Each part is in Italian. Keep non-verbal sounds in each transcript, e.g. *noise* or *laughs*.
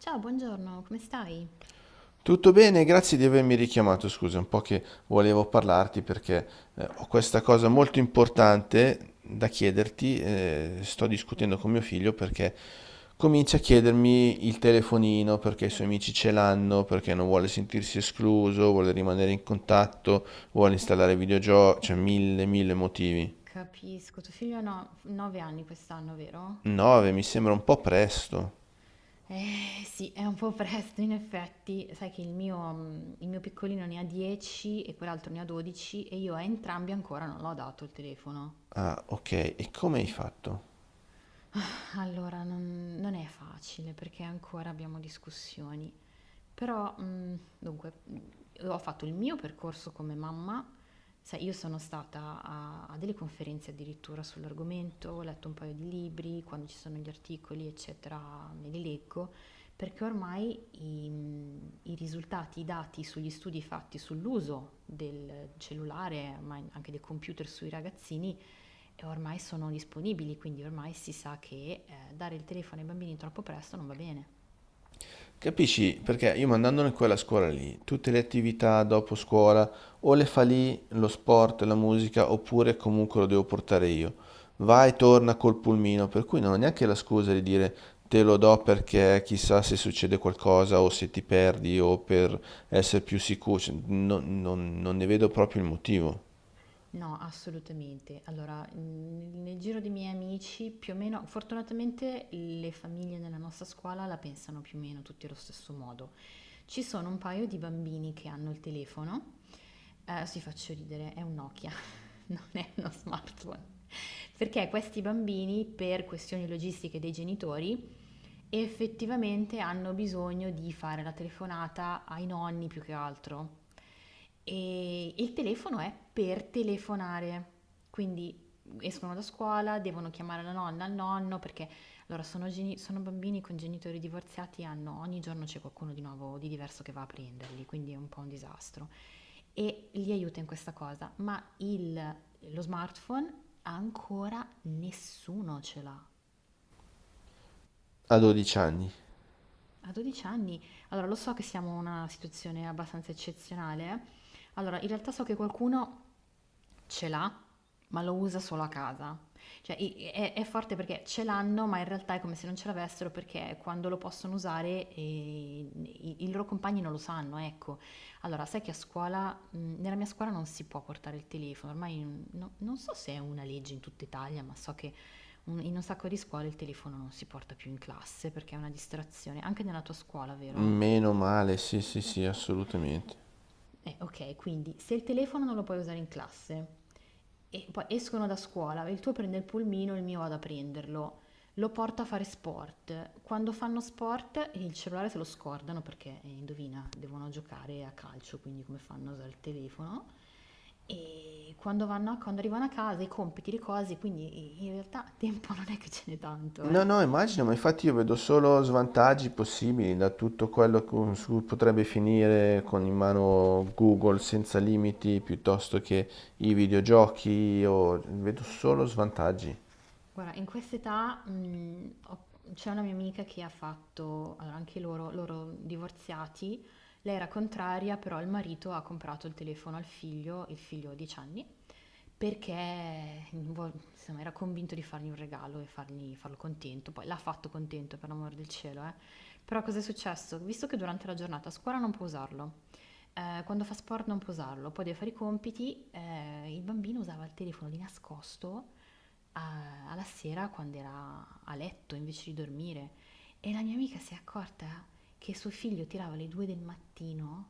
Ciao, buongiorno, come stai? Tutto bene, grazie di avermi richiamato. Scusa, è un po' che volevo parlarti perché ho questa cosa molto importante da chiederti. Sto discutendo con mio figlio perché comincia a chiedermi il telefonino, perché i suoi amici ce l'hanno, perché non vuole sentirsi escluso, vuole rimanere in contatto, vuole installare videogiochi, cioè mille, mille motivi. Capisco, tuo figlio ha 9 anni quest'anno, vero? 9 mi sembra un po' presto. Eh sì, è un po' presto in effetti, sai che il mio, il mio piccolino ne ha 10 e quell'altro ne ha 12 e io a entrambi ancora non l'ho dato il telefono. Ah, ok, e come hai fatto? Allora, non è facile perché ancora abbiamo discussioni. Però, dunque, ho fatto il mio percorso come mamma, sai io sono stata a delle conferenze addirittura sull'argomento, ho letto un paio di libri, quando ci sono gli articoli, eccetera, me li leggo, perché ormai i risultati, i dati sugli studi fatti sull'uso del cellulare, ma in anche del computer sui ragazzini, ormai sono disponibili, quindi ormai si sa che, dare il telefono ai bambini troppo presto non va bene. Capisci? Perché io mandandone quella a scuola lì, tutte le attività dopo scuola, o le fa lì, lo sport, la musica, oppure comunque lo devo portare io. Va e torna col pulmino, per cui non ho neanche la scusa di dire te lo do perché chissà se succede qualcosa o se ti perdi o per essere più sicuro. Cioè, non ne vedo proprio il motivo. No, assolutamente. Allora, nel giro dei miei amici, più o meno, fortunatamente le famiglie nella nostra scuola la pensano più o meno tutti allo stesso modo. Ci sono un paio di bambini che hanno il telefono, si faccio ridere, è un Nokia, *laughs* non è uno smartphone. Perché questi bambini, per questioni logistiche dei genitori, effettivamente hanno bisogno di fare la telefonata ai nonni più che altro. E il telefono è per telefonare, quindi escono da scuola, devono chiamare la nonna, il nonno, perché allora sono, sono bambini con genitori divorziati, hanno, ogni giorno c'è qualcuno di nuovo, di diverso che va a prenderli, quindi è un po' un disastro. E li aiuta in questa cosa, ma lo smartphone ancora nessuno ce l'ha. A 12 anni. A 12 anni, allora lo so che siamo in una situazione abbastanza eccezionale. Eh. Allora, in realtà so che qualcuno ce l'ha, ma lo usa solo a casa. Cioè è forte perché ce l'hanno, ma in realtà è come se non ce l'avessero perché quando lo possono usare i loro compagni non lo sanno, ecco. Allora, sai che a scuola, nella mia scuola non si può portare il telefono, ormai non so se è una legge in tutta Italia, ma so che in un sacco di scuole il telefono non si porta più in classe perché è una distrazione, anche nella tua scuola, vero? Meno male, sì, sì, sì, assolutamente. Ok, quindi se il telefono non lo puoi usare in classe e poi escono da scuola, il tuo prende il pulmino, il mio vado a prenderlo, lo porta a fare sport. Quando fanno sport il cellulare se lo scordano perché, indovina, devono giocare a calcio, quindi come fanno a usare il telefono. E quando, quando arrivano a casa i compiti, le cose, quindi in realtà tempo *laughs* non è che ce n'è tanto, No, eh. no, immagino, ma infatti io vedo solo svantaggi possibili da tutto quello su cui potrebbe finire con in mano Google senza limiti piuttosto che i videogiochi, o vedo solo svantaggi. Guarda, in quest'età, mhmm, ho c'è una mia amica che ha fatto allora anche loro divorziati, lei era contraria, però il marito ha comprato il telefono al figlio, il figlio ha 10 anni, perché vo insomma era convinto di fargli un regalo e fargli farlo contento. Poi l'ha fatto contento, per l'amor del cielo, eh. Però cos'è successo? Visto che durante la giornata a scuola non può usarlo, quando fa sport non può usarlo, poi deve fare i compiti, il bambino usava il telefono di nascosto alla sera quando era a letto invece di dormire e la mia amica si è accorta che suo figlio tirava le due del mattino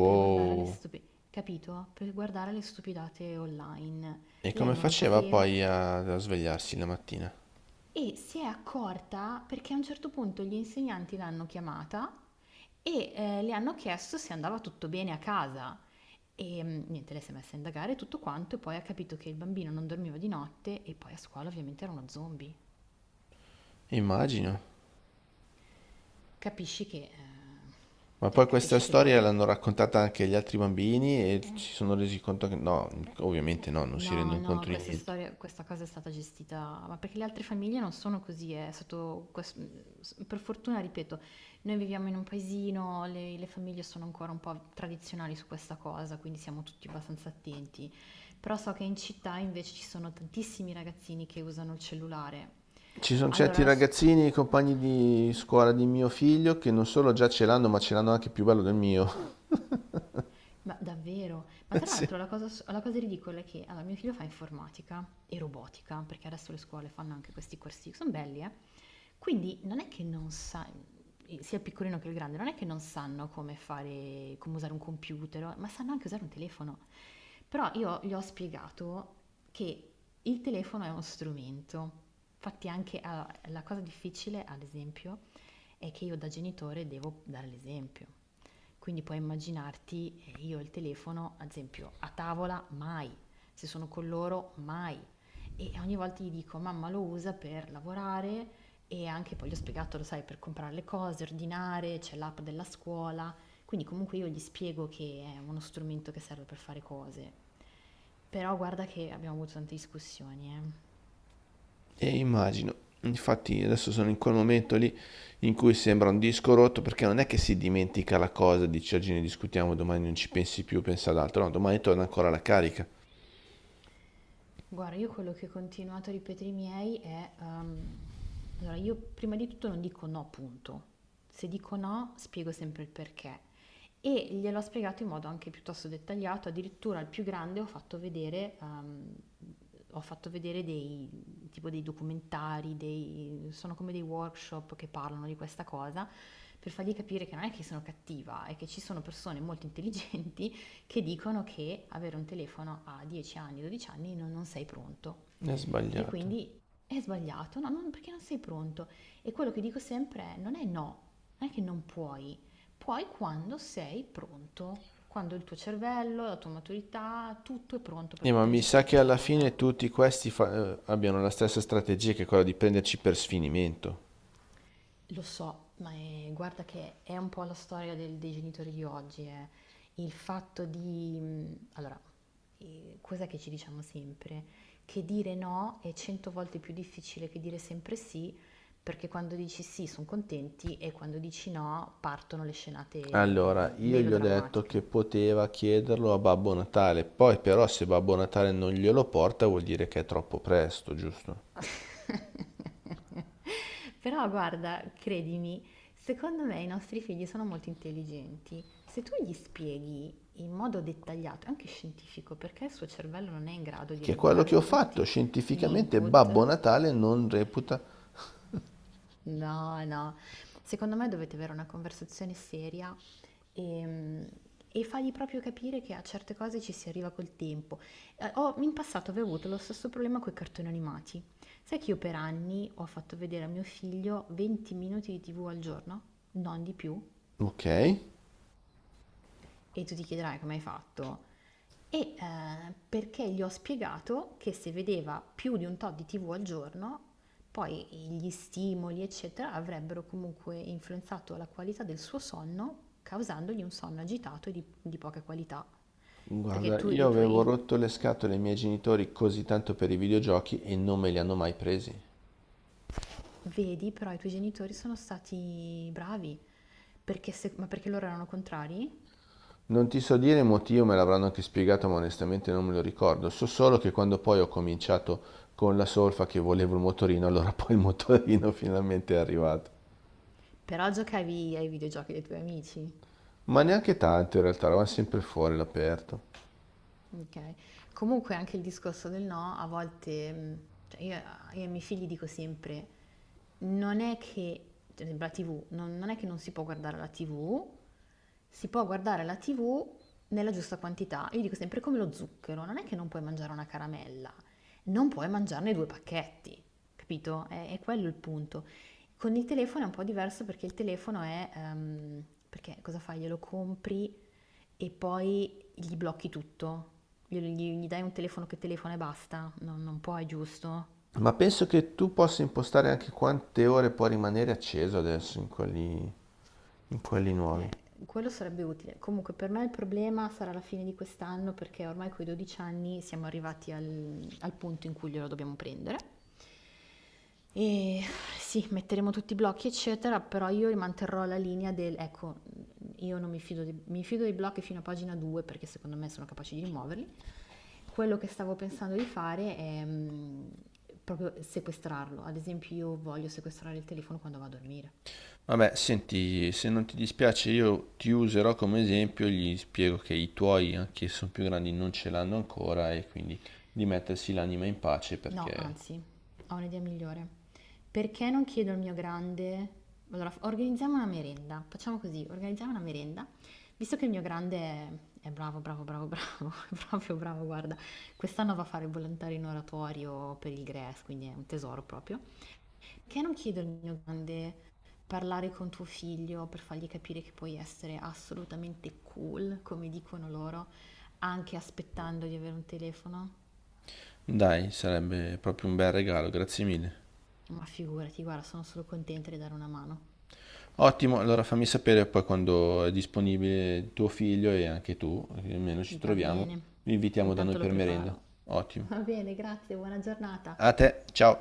per guardare le capito? Per guardare le stupidate online. E Lei come non lo faceva sapeva poi a svegliarsi la mattina? e si è accorta perché a un certo punto gli insegnanti l'hanno chiamata e le hanno chiesto se andava tutto bene a casa. E niente, lei si è messa a indagare tutto quanto e poi ha capito che il bambino non dormiva di notte e poi a scuola ovviamente era uno zombie. Immagino. Capisci che, Ma cioè, poi questa capisci che storia poi l'hanno raccontata anche agli altri bambini e si sono resi conto che no, ovviamente no, non si no, rendono no, conto di questa niente. storia, questa cosa è stata gestita, ma perché le altre famiglie non sono così, è stato, per fortuna, ripeto, noi viviamo in un paesino, le famiglie sono ancora un po' tradizionali su questa cosa, quindi siamo tutti abbastanza attenti, però so che in città invece ci sono tantissimi ragazzini che usano il cellulare. Ci sono Allora, certi ragazzini, compagni di scuola di mio figlio, che non solo già ce l'hanno, ma ce l'hanno anche più bello del mio. ma davvero? Ma *laughs* tra Sì. l'altro la cosa ridicola è che allora mio figlio fa informatica e robotica, perché adesso le scuole fanno anche questi corsi, son belli quindi non è che non sa sia il piccolino che il grande, non è che non sanno come fare come usare un computer o ma sanno anche usare un telefono. Però io gli ho spiegato che il telefono è uno strumento. Infatti anche a la cosa difficile, ad esempio, è che io da genitore devo dare l'esempio. Quindi puoi immaginarti io il telefono, ad esempio, a tavola mai, se sono con loro mai. E ogni volta gli dico, mamma lo usa per lavorare e anche poi gli ho spiegato, lo sai, per comprare le cose, ordinare, c'è l'app della scuola. Quindi comunque io gli spiego che è uno strumento che serve per fare cose. Però guarda che abbiamo avuto tante discussioni, eh. E immagino. Infatti adesso sono in quel momento lì in cui sembra un disco rotto perché non è che si dimentica la cosa, dici oggi ne discutiamo, domani non ci pensi più, pensa ad altro, no, domani torna ancora la carica. Guarda, io quello che ho continuato a ripetere ai miei è, allora io prima di tutto non dico no, punto. Se dico no, spiego sempre il perché. E gliel'ho spiegato in modo anche piuttosto dettagliato, addirittura al più grande ho fatto vedere tipo dei documentari, sono come dei workshop che parlano di questa cosa, per fargli capire che non è che sono cattiva, è che ci sono persone molto intelligenti che dicono che avere un telefono a 10 anni, 12 anni non sei pronto È e sbagliato. quindi è sbagliato, no, non, perché non sei pronto. E quello che dico sempre è non è no, non è che non puoi, puoi quando sei pronto, quando il tuo cervello, la tua maturità, tutto è pronto Ma per mi sa gestire che questa alla cosa. fine tutti questi abbiano la stessa strategia, che è quella di prenderci per sfinimento. Lo so, ma guarda che è un po' la storia dei genitori di oggi, eh. Il fatto di... allora, cos'è che ci diciamo sempre? Che dire no è cento volte più difficile che dire sempre sì, perché quando dici sì sono contenti e quando dici no partono le scenate Allora, io gli ho detto che melodrammatiche. poteva chiederlo a Babbo Natale, poi però se Babbo Natale non glielo porta vuol dire che è troppo presto, giusto? *laughs* Però guarda, credimi, secondo me i nostri figli sono molto intelligenti. Se tu gli spieghi in modo dettagliato, anche scientifico, perché il suo cervello non è in grado di Che è quello che ho elaborare fatto, tutti gli scientificamente Babbo input, Natale non reputa... no, no, secondo me dovete avere una conversazione seria e, e fargli proprio capire che a certe cose ci si arriva col tempo. In passato avevo avuto lo stesso problema con i cartoni animati. Sai che io per anni ho fatto vedere a mio figlio 20 minuti di TV al giorno, non di più? Ok, E tu ti chiederai come hai fatto. Perché gli ho spiegato che se vedeva più di un tot di TV al giorno, poi gli stimoli, eccetera, avrebbero comunque influenzato la qualità del suo sonno, causandogli un sonno agitato e di poca qualità. Perché guarda, tu io i avevo tuoi, rotto le scatole ai miei genitori così tanto per i videogiochi e non me li hanno mai presi. vedi, però i tuoi genitori sono stati bravi, perché ma perché loro erano contrari? Non ti so dire il motivo, me l'avranno anche spiegato, ma onestamente non me lo ricordo. So solo che quando poi ho cominciato con la solfa che volevo il motorino, allora *laughs* poi il motorino finalmente è arrivato. Però giocavi ai videogiochi dei tuoi amici. Ma neanche tanto in realtà, eravamo sempre fuori all'aperto. Ok. Comunque anche il discorso del no, a volte, cioè io ai miei figli dico sempre, non è che, per esempio la TV, non è che non si può guardare la TV, si può guardare la TV nella giusta quantità. Io dico sempre, è come lo zucchero, non è che non puoi mangiare una caramella, non puoi mangiarne due pacchetti, capito? È quello il punto. Con il telefono è un po' diverso perché il telefono è, perché cosa fai? Glielo compri e poi gli blocchi tutto, gli dai un telefono che telefona e basta, non puoi, giusto? Ma penso che tu possa impostare anche quante ore può rimanere acceso adesso in quelli nuovi. Quello sarebbe utile. Comunque per noi il problema sarà la fine di quest'anno perché ormai coi 12 anni siamo arrivati al punto in cui glielo dobbiamo prendere. E sì, metteremo tutti i blocchi, eccetera, però io manterrò la linea del, ecco, io non mi fido, mi fido dei blocchi fino a pagina 2 perché secondo me sono capaci di rimuoverli. Quello che stavo pensando di fare è proprio sequestrarlo. Ad esempio, io voglio sequestrare il telefono quando vado a dormire. Vabbè, senti, se non ti dispiace io ti userò come esempio, gli spiego che i tuoi, anche se sono più grandi, non ce l'hanno ancora e quindi di mettersi l'anima in pace No, perché, anzi, ho un'idea migliore. Perché non chiedo al mio grande... Allora, organizziamo una merenda. Facciamo così, organizziamo una merenda. Visto che il mio grande è bravo, bravo, bravo, bravo, *laughs* è proprio bravo, guarda, quest'anno va a fare il volontario in oratorio per il GRES, quindi è un tesoro proprio. Perché non chiedo al mio grande parlare con tuo figlio per fargli capire che puoi essere assolutamente cool, come dicono loro, anche aspettando di avere un telefono? dai, sarebbe proprio un bel regalo, grazie mille. Ma figurati, guarda, sono solo contenta di dare una mano. Ottimo, allora fammi sapere poi quando è disponibile tuo figlio e anche tu, almeno ci Va troviamo, bene, lo invitiamo da noi intanto lo per merenda. preparo. Ottimo. Va bene, grazie, buona giornata. A te, ciao.